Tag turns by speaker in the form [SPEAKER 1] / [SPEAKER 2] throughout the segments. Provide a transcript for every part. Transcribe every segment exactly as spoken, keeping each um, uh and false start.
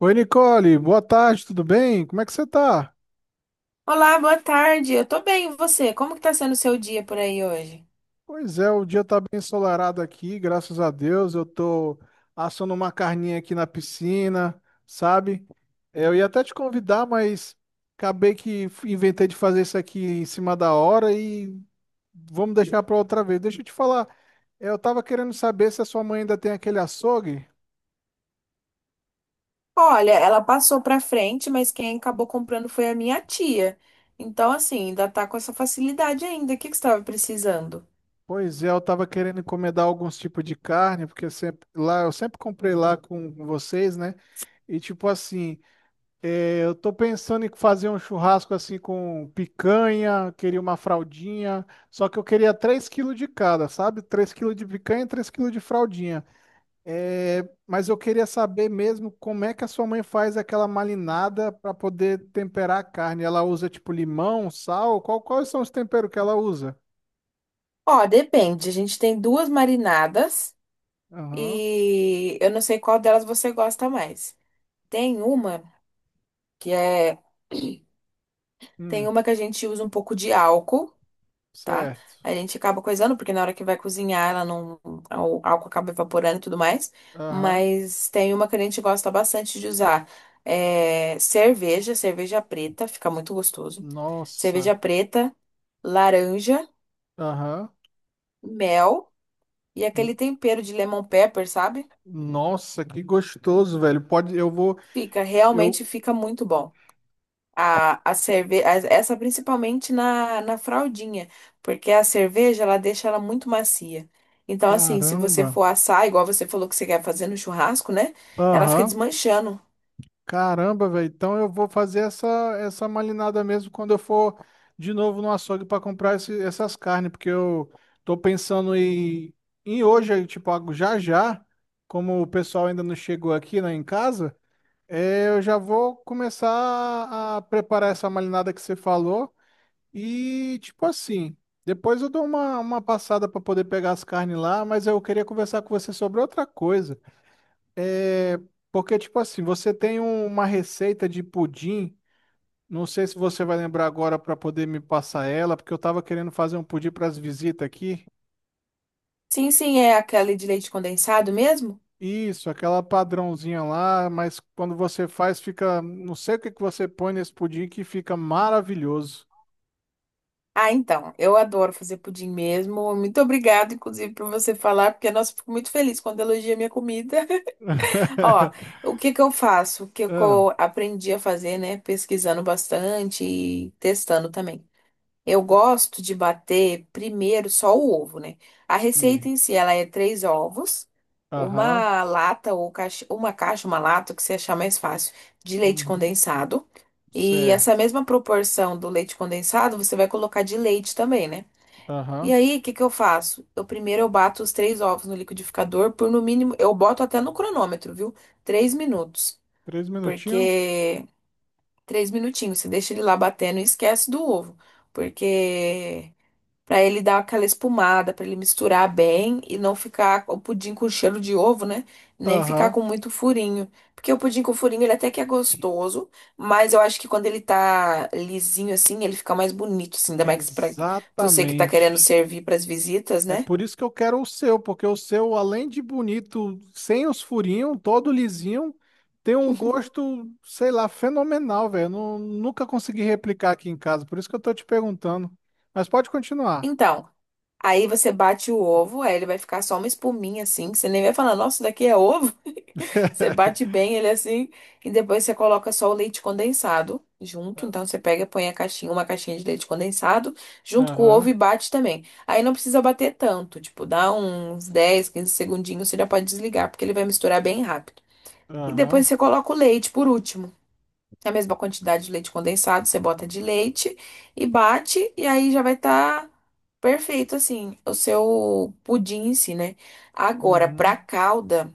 [SPEAKER 1] Oi, Nicole, boa tarde, tudo bem? Como é que você tá?
[SPEAKER 2] Olá, boa tarde. Eu tô bem, e você? Como que tá sendo o seu dia por aí hoje?
[SPEAKER 1] Pois é, o dia tá bem ensolarado aqui, graças a Deus. Eu tô assando uma carninha aqui na piscina, sabe? É, Eu ia até te convidar, mas acabei que f- inventei de fazer isso aqui em cima da hora e vamos deixar pra outra vez. Deixa eu te falar, é, eu tava querendo saber se a sua mãe ainda tem aquele açougue.
[SPEAKER 2] Olha, ela passou pra frente, mas quem acabou comprando foi a minha tia. Então, assim, ainda tá com essa facilidade ainda. O que que você estava precisando?
[SPEAKER 1] Pois é, eu tava querendo encomendar alguns tipos de carne, porque sempre lá eu sempre comprei lá com vocês, né? E tipo assim, É, eu tô pensando em fazer um churrasco assim com picanha, queria uma fraldinha, só que eu queria três quilos de cada, sabe? Três quilos de picanha e três quilos de fraldinha. É, mas eu queria saber mesmo como é que a sua mãe faz aquela marinada para poder temperar a carne. Ela usa tipo limão, sal? Qual- quais são os temperos que ela usa?
[SPEAKER 2] Ó, depende. A gente tem duas marinadas
[SPEAKER 1] Aham.
[SPEAKER 2] e eu não sei qual delas você gosta mais. Tem uma que é. Tem
[SPEAKER 1] Hum,
[SPEAKER 2] uma que a gente usa um pouco de álcool. Tá?
[SPEAKER 1] certo.
[SPEAKER 2] A gente acaba coisando, porque na hora que vai cozinhar, ela não, o álcool acaba evaporando e tudo mais.
[SPEAKER 1] Aham.
[SPEAKER 2] Mas tem uma que a gente gosta bastante de usar. É cerveja, cerveja preta, fica muito gostoso.
[SPEAKER 1] Nossa.
[SPEAKER 2] Cerveja preta, laranja,
[SPEAKER 1] Aham.
[SPEAKER 2] mel e aquele
[SPEAKER 1] N-
[SPEAKER 2] tempero de lemon pepper, sabe?
[SPEAKER 1] Nossa, que gostoso, velho. Pode, eu vou.
[SPEAKER 2] Fica, realmente
[SPEAKER 1] Eu,
[SPEAKER 2] fica muito bom. A, a cerveja, essa principalmente na, na fraldinha, porque a cerveja ela deixa ela muito macia. Então, assim, se você
[SPEAKER 1] Caramba.
[SPEAKER 2] for assar, igual você falou que você quer fazer no churrasco, né? Ela fica
[SPEAKER 1] Aham.
[SPEAKER 2] desmanchando.
[SPEAKER 1] Caramba, velho. Então eu vou fazer essa essa malinada mesmo quando eu for de novo no açougue para comprar esse- essas carnes, porque eu tô pensando em, em hoje, aí, tipo, algo já já, como o pessoal ainda não chegou aqui, né, em casa, é, eu já vou começar a preparar essa malinada que você falou e, tipo assim, depois eu dou uma, uma passada para poder pegar as carnes lá, mas eu queria conversar com você sobre outra coisa. É, porque, tipo assim, você tem um- uma receita de pudim, não sei se você vai lembrar agora para poder me passar ela, porque eu tava querendo fazer um pudim para as visitas aqui.
[SPEAKER 2] Sim, sim, é aquela de leite condensado mesmo?
[SPEAKER 1] Isso, aquela padrãozinha lá, mas quando você faz, fica. Não sei o que que você põe nesse pudim que fica maravilhoso.
[SPEAKER 2] Ah, então, eu adoro fazer pudim mesmo. Muito obrigada, inclusive, por você falar, porque, nossa, eu fico muito feliz quando elogia minha comida. Ó, o que que eu faço? O que que
[SPEAKER 1] Ah,
[SPEAKER 2] eu aprendi a fazer, né? Pesquisando bastante e testando também. Eu gosto de bater primeiro só o ovo, né? A receita
[SPEAKER 1] sim.
[SPEAKER 2] em si, ela é três ovos,
[SPEAKER 1] Aham.
[SPEAKER 2] uma lata ou caixa, uma caixa, uma lata, o que você achar mais fácil, de leite
[SPEAKER 1] Uhum.
[SPEAKER 2] condensado. E essa
[SPEAKER 1] Certo.
[SPEAKER 2] mesma proporção do leite condensado, você vai colocar de leite também, né? E
[SPEAKER 1] Aham.
[SPEAKER 2] aí, o que que eu faço? Eu primeiro eu bato os três ovos no liquidificador por no mínimo, eu boto até no cronômetro, viu? Três minutos,
[SPEAKER 1] Três minutinhos?
[SPEAKER 2] porque três minutinhos, você deixa ele lá batendo e esquece do ovo, porque pra ele dar aquela espumada, pra ele misturar bem e não ficar o pudim com cheiro de ovo, né? Nem ficar
[SPEAKER 1] Aham.
[SPEAKER 2] com muito furinho. Porque o pudim com furinho, ele até que é gostoso, mas eu acho que quando ele tá lisinho assim, ele fica mais bonito, assim, ainda mais pra você que tá querendo
[SPEAKER 1] Exatamente.
[SPEAKER 2] servir pras visitas,
[SPEAKER 1] É
[SPEAKER 2] né?
[SPEAKER 1] por isso que eu quero o seu, porque o seu, além de bonito, sem os furinhos, todo lisinho, tem um gosto, sei lá, fenomenal, velho. Eu Nu- Nunca consegui replicar aqui em casa, por isso que eu tô te perguntando. Mas pode continuar.
[SPEAKER 2] Então, aí você bate o ovo, aí ele vai ficar só uma espuminha assim, que você nem vai falar, nossa, isso daqui é ovo. Você bate bem ele assim e depois você coloca só o leite condensado junto. Então você pega põe a caixinha, uma caixinha de leite condensado junto com o ovo e
[SPEAKER 1] Aham,
[SPEAKER 2] bate também. Aí não precisa bater tanto, tipo, dá uns dez, quinze segundinhos, você já pode desligar, porque ele vai misturar bem rápido. E depois
[SPEAKER 1] aham,
[SPEAKER 2] você coloca o leite por último. A mesma quantidade de leite condensado, você bota de leite e bate, e aí já vai estar perfeito assim o seu pudim em si, né? Agora, pra
[SPEAKER 1] uhum,
[SPEAKER 2] calda.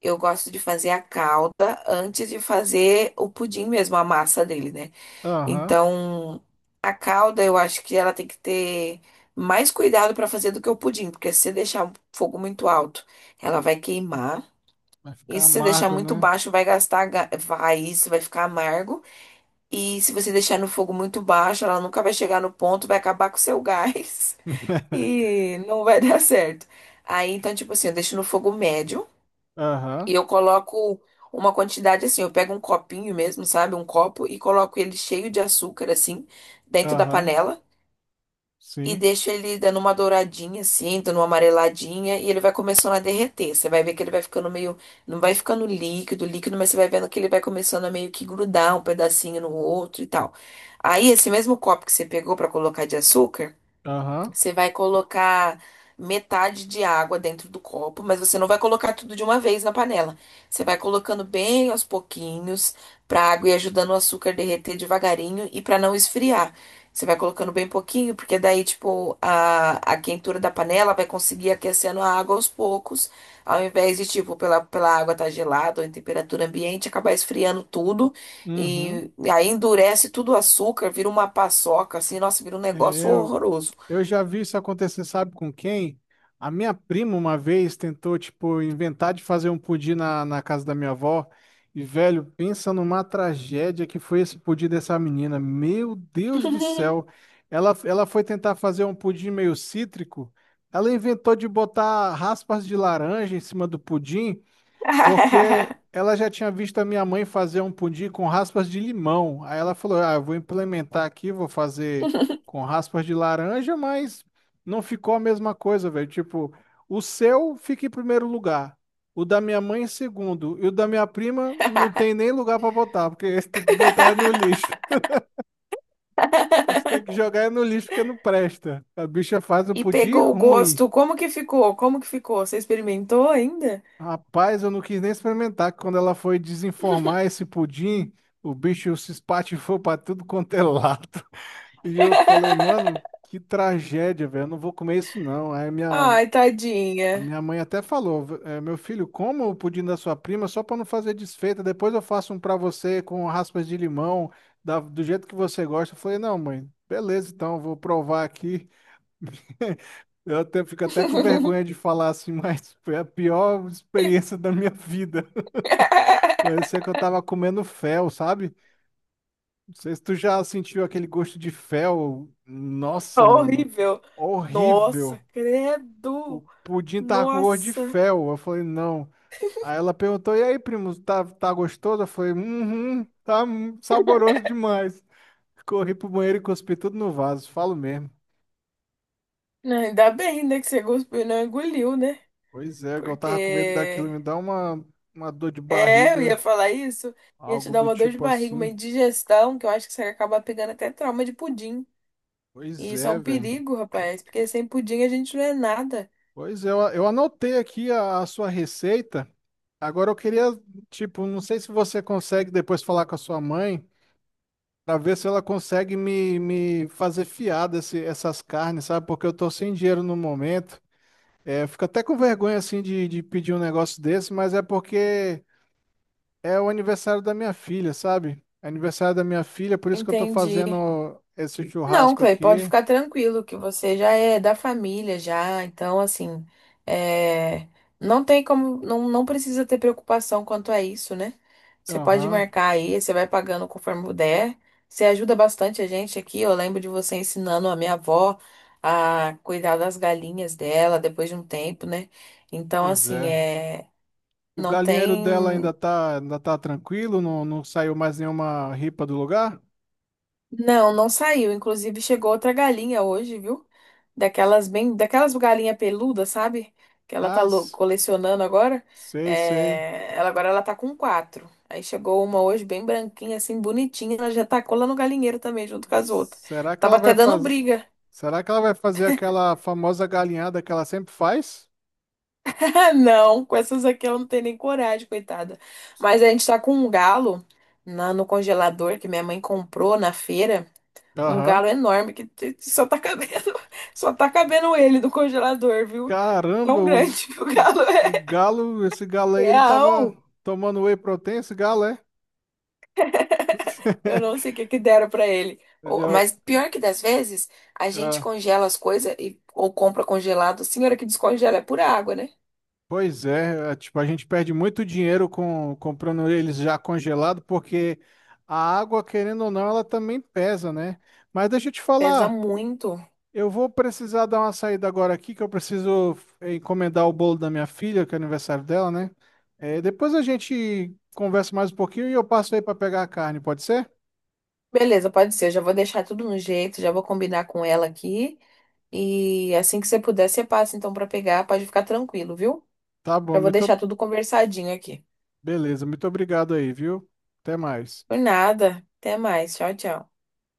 [SPEAKER 2] Eu gosto de fazer a calda antes de fazer o pudim mesmo, a massa dele, né?
[SPEAKER 1] aham.
[SPEAKER 2] Então, a calda eu acho que ela tem que ter mais cuidado para fazer do que o pudim, porque se você deixar o fogo muito alto, ela vai queimar.
[SPEAKER 1] Vai ficar
[SPEAKER 2] E se você deixar
[SPEAKER 1] amargo,
[SPEAKER 2] muito
[SPEAKER 1] né?
[SPEAKER 2] baixo, vai gastar ga- raiz, vai ficar amargo. E se você deixar no fogo muito baixo, ela nunca vai chegar no ponto, vai acabar com o seu gás e não vai dar certo. Aí, então, tipo assim, eu deixo no fogo médio.
[SPEAKER 1] Aham,
[SPEAKER 2] E eu coloco uma quantidade assim, eu pego um copinho mesmo, sabe? Um copo e coloco ele cheio de açúcar, assim, dentro da
[SPEAKER 1] aham,
[SPEAKER 2] panela. E
[SPEAKER 1] sim,
[SPEAKER 2] deixo ele dando uma douradinha, assim, dando uma amareladinha, e ele vai começando a derreter. Você vai ver que ele vai ficando meio. Não vai ficando líquido, líquido, mas você vai vendo que ele vai começando a meio que grudar um pedacinho no outro e tal. Aí, esse mesmo copo que você pegou pra colocar de açúcar.
[SPEAKER 1] aham,
[SPEAKER 2] Você vai colocar metade de água dentro do copo, mas você não vai colocar tudo de uma vez na panela. Você vai colocando bem aos pouquinhos para a água ir ajudando o açúcar a derreter devagarinho e para não esfriar. Você vai colocando bem pouquinho, porque daí, tipo, a, a quentura da panela vai conseguir aquecendo a água aos poucos, ao invés de, tipo, pela, pela água estar gelada ou em temperatura ambiente, acabar esfriando tudo
[SPEAKER 1] uhum.
[SPEAKER 2] e, e aí endurece tudo o açúcar, vira uma paçoca, assim, nossa, vira um negócio
[SPEAKER 1] É,
[SPEAKER 2] horroroso.
[SPEAKER 1] eu já vi isso acontecer, sabe com quem? A minha prima uma vez tentou, tipo, inventar de fazer um pudim na, na casa da minha avó. E, velho, pensa numa tragédia que foi esse pudim dessa menina. Meu Deus do céu. Ela, ela foi tentar fazer um pudim meio cítrico. Ela inventou de botar raspas de laranja em cima do pudim. Porque ela já tinha visto a minha mãe fazer um pudim com raspas de limão. Aí ela falou: "Ah, eu vou implementar aqui, vou fazer com raspas de laranja", mas não ficou a mesma coisa, velho. Tipo, o seu fica em primeiro lugar, o da minha mãe em segundo, e o da minha prima não tem nem lugar pra botar, porque esse tem que botar no lixo. A gente tem que jogar no lixo porque não presta. A bicha faz um
[SPEAKER 2] E
[SPEAKER 1] pudim
[SPEAKER 2] pegou o
[SPEAKER 1] ruim.
[SPEAKER 2] gosto. Como que ficou? Como que ficou? Você experimentou ainda?
[SPEAKER 1] Rapaz, eu não quis nem experimentar, que quando ela foi desenformar esse pudim, o bicho se espatifou pra tudo quanto é lado. E eu falei, mano, que tragédia, velho, eu não vou comer isso não. Aí minha,
[SPEAKER 2] Ai,
[SPEAKER 1] a
[SPEAKER 2] tadinha.
[SPEAKER 1] minha mãe até falou, "É, meu filho, coma o pudim da sua prima só pra não fazer desfeita, depois eu faço um pra você com raspas de limão, da- do jeito que você gosta." Eu falei, não, mãe, beleza, então, eu vou provar aqui. Eu até, fico até com vergonha de falar assim, mas foi a pior experiência da minha vida. Parecia que eu tava comendo fel, sabe? Não sei se tu já sentiu aquele gosto de fel. Nossa, mano.
[SPEAKER 2] Horrível. Nossa,
[SPEAKER 1] Horrível. O
[SPEAKER 2] credo.
[SPEAKER 1] pudim tava com gosto de
[SPEAKER 2] Nossa.
[SPEAKER 1] fel. Eu falei, não. Aí ela perguntou, e aí, primo, tá, tá gostoso? Eu falei, uhum, tá mu- saboroso demais. Corri pro banheiro e cuspi tudo no vaso, falo mesmo.
[SPEAKER 2] Não, ainda bem, né, que você cuspiu e não engoliu, né?
[SPEAKER 1] Pois é, eu tava com medo daquilo
[SPEAKER 2] Porque.
[SPEAKER 1] me dar uma, uma dor de
[SPEAKER 2] É, eu ia
[SPEAKER 1] barriga,
[SPEAKER 2] falar isso. Ia te
[SPEAKER 1] algo
[SPEAKER 2] dar
[SPEAKER 1] do
[SPEAKER 2] uma dor de
[SPEAKER 1] tipo
[SPEAKER 2] barriga, uma
[SPEAKER 1] assim.
[SPEAKER 2] indigestão, que eu acho que você acaba pegando até trauma de pudim. E
[SPEAKER 1] Pois
[SPEAKER 2] isso é
[SPEAKER 1] é,
[SPEAKER 2] um
[SPEAKER 1] velho.
[SPEAKER 2] perigo, rapaz. Porque sem pudim a gente não é nada.
[SPEAKER 1] Pois é, eu, eu anotei aqui a a sua receita. Agora eu queria, tipo, não sei se você consegue depois falar com a sua mãe para ver se ela consegue me, me fazer fiar desse, essas carnes, sabe? Porque eu tô sem dinheiro no momento. É, eu fico até com vergonha assim de, de pedir um negócio desse, mas é porque é o aniversário da minha filha, sabe? É aniversário da minha filha, por isso que eu tô
[SPEAKER 2] Entendi.
[SPEAKER 1] fazendo esse
[SPEAKER 2] Não,
[SPEAKER 1] churrasco
[SPEAKER 2] Clay, pode
[SPEAKER 1] aqui.
[SPEAKER 2] ficar tranquilo que você já é da família já, então assim, é, não tem como, não, não precisa ter preocupação quanto a isso, né? Você pode
[SPEAKER 1] Aham,
[SPEAKER 2] marcar aí, você vai pagando conforme puder. Você ajuda bastante a gente aqui. Eu lembro de você ensinando a minha avó a cuidar das galinhas dela depois de um tempo, né? Então
[SPEAKER 1] pois
[SPEAKER 2] assim,
[SPEAKER 1] é.
[SPEAKER 2] é,
[SPEAKER 1] O
[SPEAKER 2] não
[SPEAKER 1] galinheiro dela ainda
[SPEAKER 2] tem
[SPEAKER 1] tá, ainda tá tranquilo, não, não saiu mais nenhuma ripa do lugar?
[SPEAKER 2] Não, não saiu. Inclusive, chegou outra galinha hoje, viu? Daquelas bem, daquelas galinha peluda, sabe? Que ela tá lo-
[SPEAKER 1] As
[SPEAKER 2] colecionando agora.
[SPEAKER 1] sei, sei.
[SPEAKER 2] É, ela agora ela tá com quatro. Aí chegou uma hoje bem branquinha, assim, bonitinha. Ela já tacou lá no galinheiro também, junto com as outras.
[SPEAKER 1] Será que
[SPEAKER 2] Tava
[SPEAKER 1] ela
[SPEAKER 2] até
[SPEAKER 1] vai
[SPEAKER 2] dando
[SPEAKER 1] fazer?
[SPEAKER 2] briga.
[SPEAKER 1] Será que ela vai fazer aquela famosa galinhada que ela sempre faz?
[SPEAKER 2] Ah, não, com essas aqui ela não tem nem coragem, coitada. Mas a gente tá com um galo na- no congelador que minha mãe comprou na feira. Um
[SPEAKER 1] Aham.
[SPEAKER 2] galo enorme que te- te- só tá cabendo, só tá cabendo ele do congelador, viu?
[SPEAKER 1] Caramba,
[SPEAKER 2] Tão
[SPEAKER 1] o,
[SPEAKER 2] grande que o
[SPEAKER 1] o,
[SPEAKER 2] galo
[SPEAKER 1] o
[SPEAKER 2] é.
[SPEAKER 1] galo, esse galo aí, ele tava
[SPEAKER 2] Real.
[SPEAKER 1] tomando whey protein, esse galo, é?
[SPEAKER 2] Eu não sei o que que deram pra ele. Ou-
[SPEAKER 1] Ele,
[SPEAKER 2] Mas pior que das vezes, a gente
[SPEAKER 1] ah,
[SPEAKER 2] congela as coisas e ou compra congelado. A senhora que descongela é pura água, né?
[SPEAKER 1] pois é, é, tipo, a gente perde muito dinheiro com comprando eles já congelado, porque a água, querendo ou não, ela também pesa, né? Mas deixa eu te
[SPEAKER 2] Pesa
[SPEAKER 1] falar.
[SPEAKER 2] muito.
[SPEAKER 1] Eu vou precisar dar uma saída agora aqui, que eu preciso eh, encomendar o bolo da minha filha, que é aniversário dela, né? Eh, depois a gente conversa mais um pouquinho e eu passo aí para pegar a carne, pode ser?
[SPEAKER 2] Beleza, pode ser. Eu já vou deixar tudo no jeito, já vou combinar com ela aqui. E assim que você puder, você passa então pra pegar. Pode ficar tranquilo, viu?
[SPEAKER 1] Tá
[SPEAKER 2] Já
[SPEAKER 1] bom,
[SPEAKER 2] vou
[SPEAKER 1] muito
[SPEAKER 2] deixar tudo conversadinho aqui.
[SPEAKER 1] beleza, muito obrigado aí, viu? Até mais.
[SPEAKER 2] Por nada. Até mais. Tchau, tchau.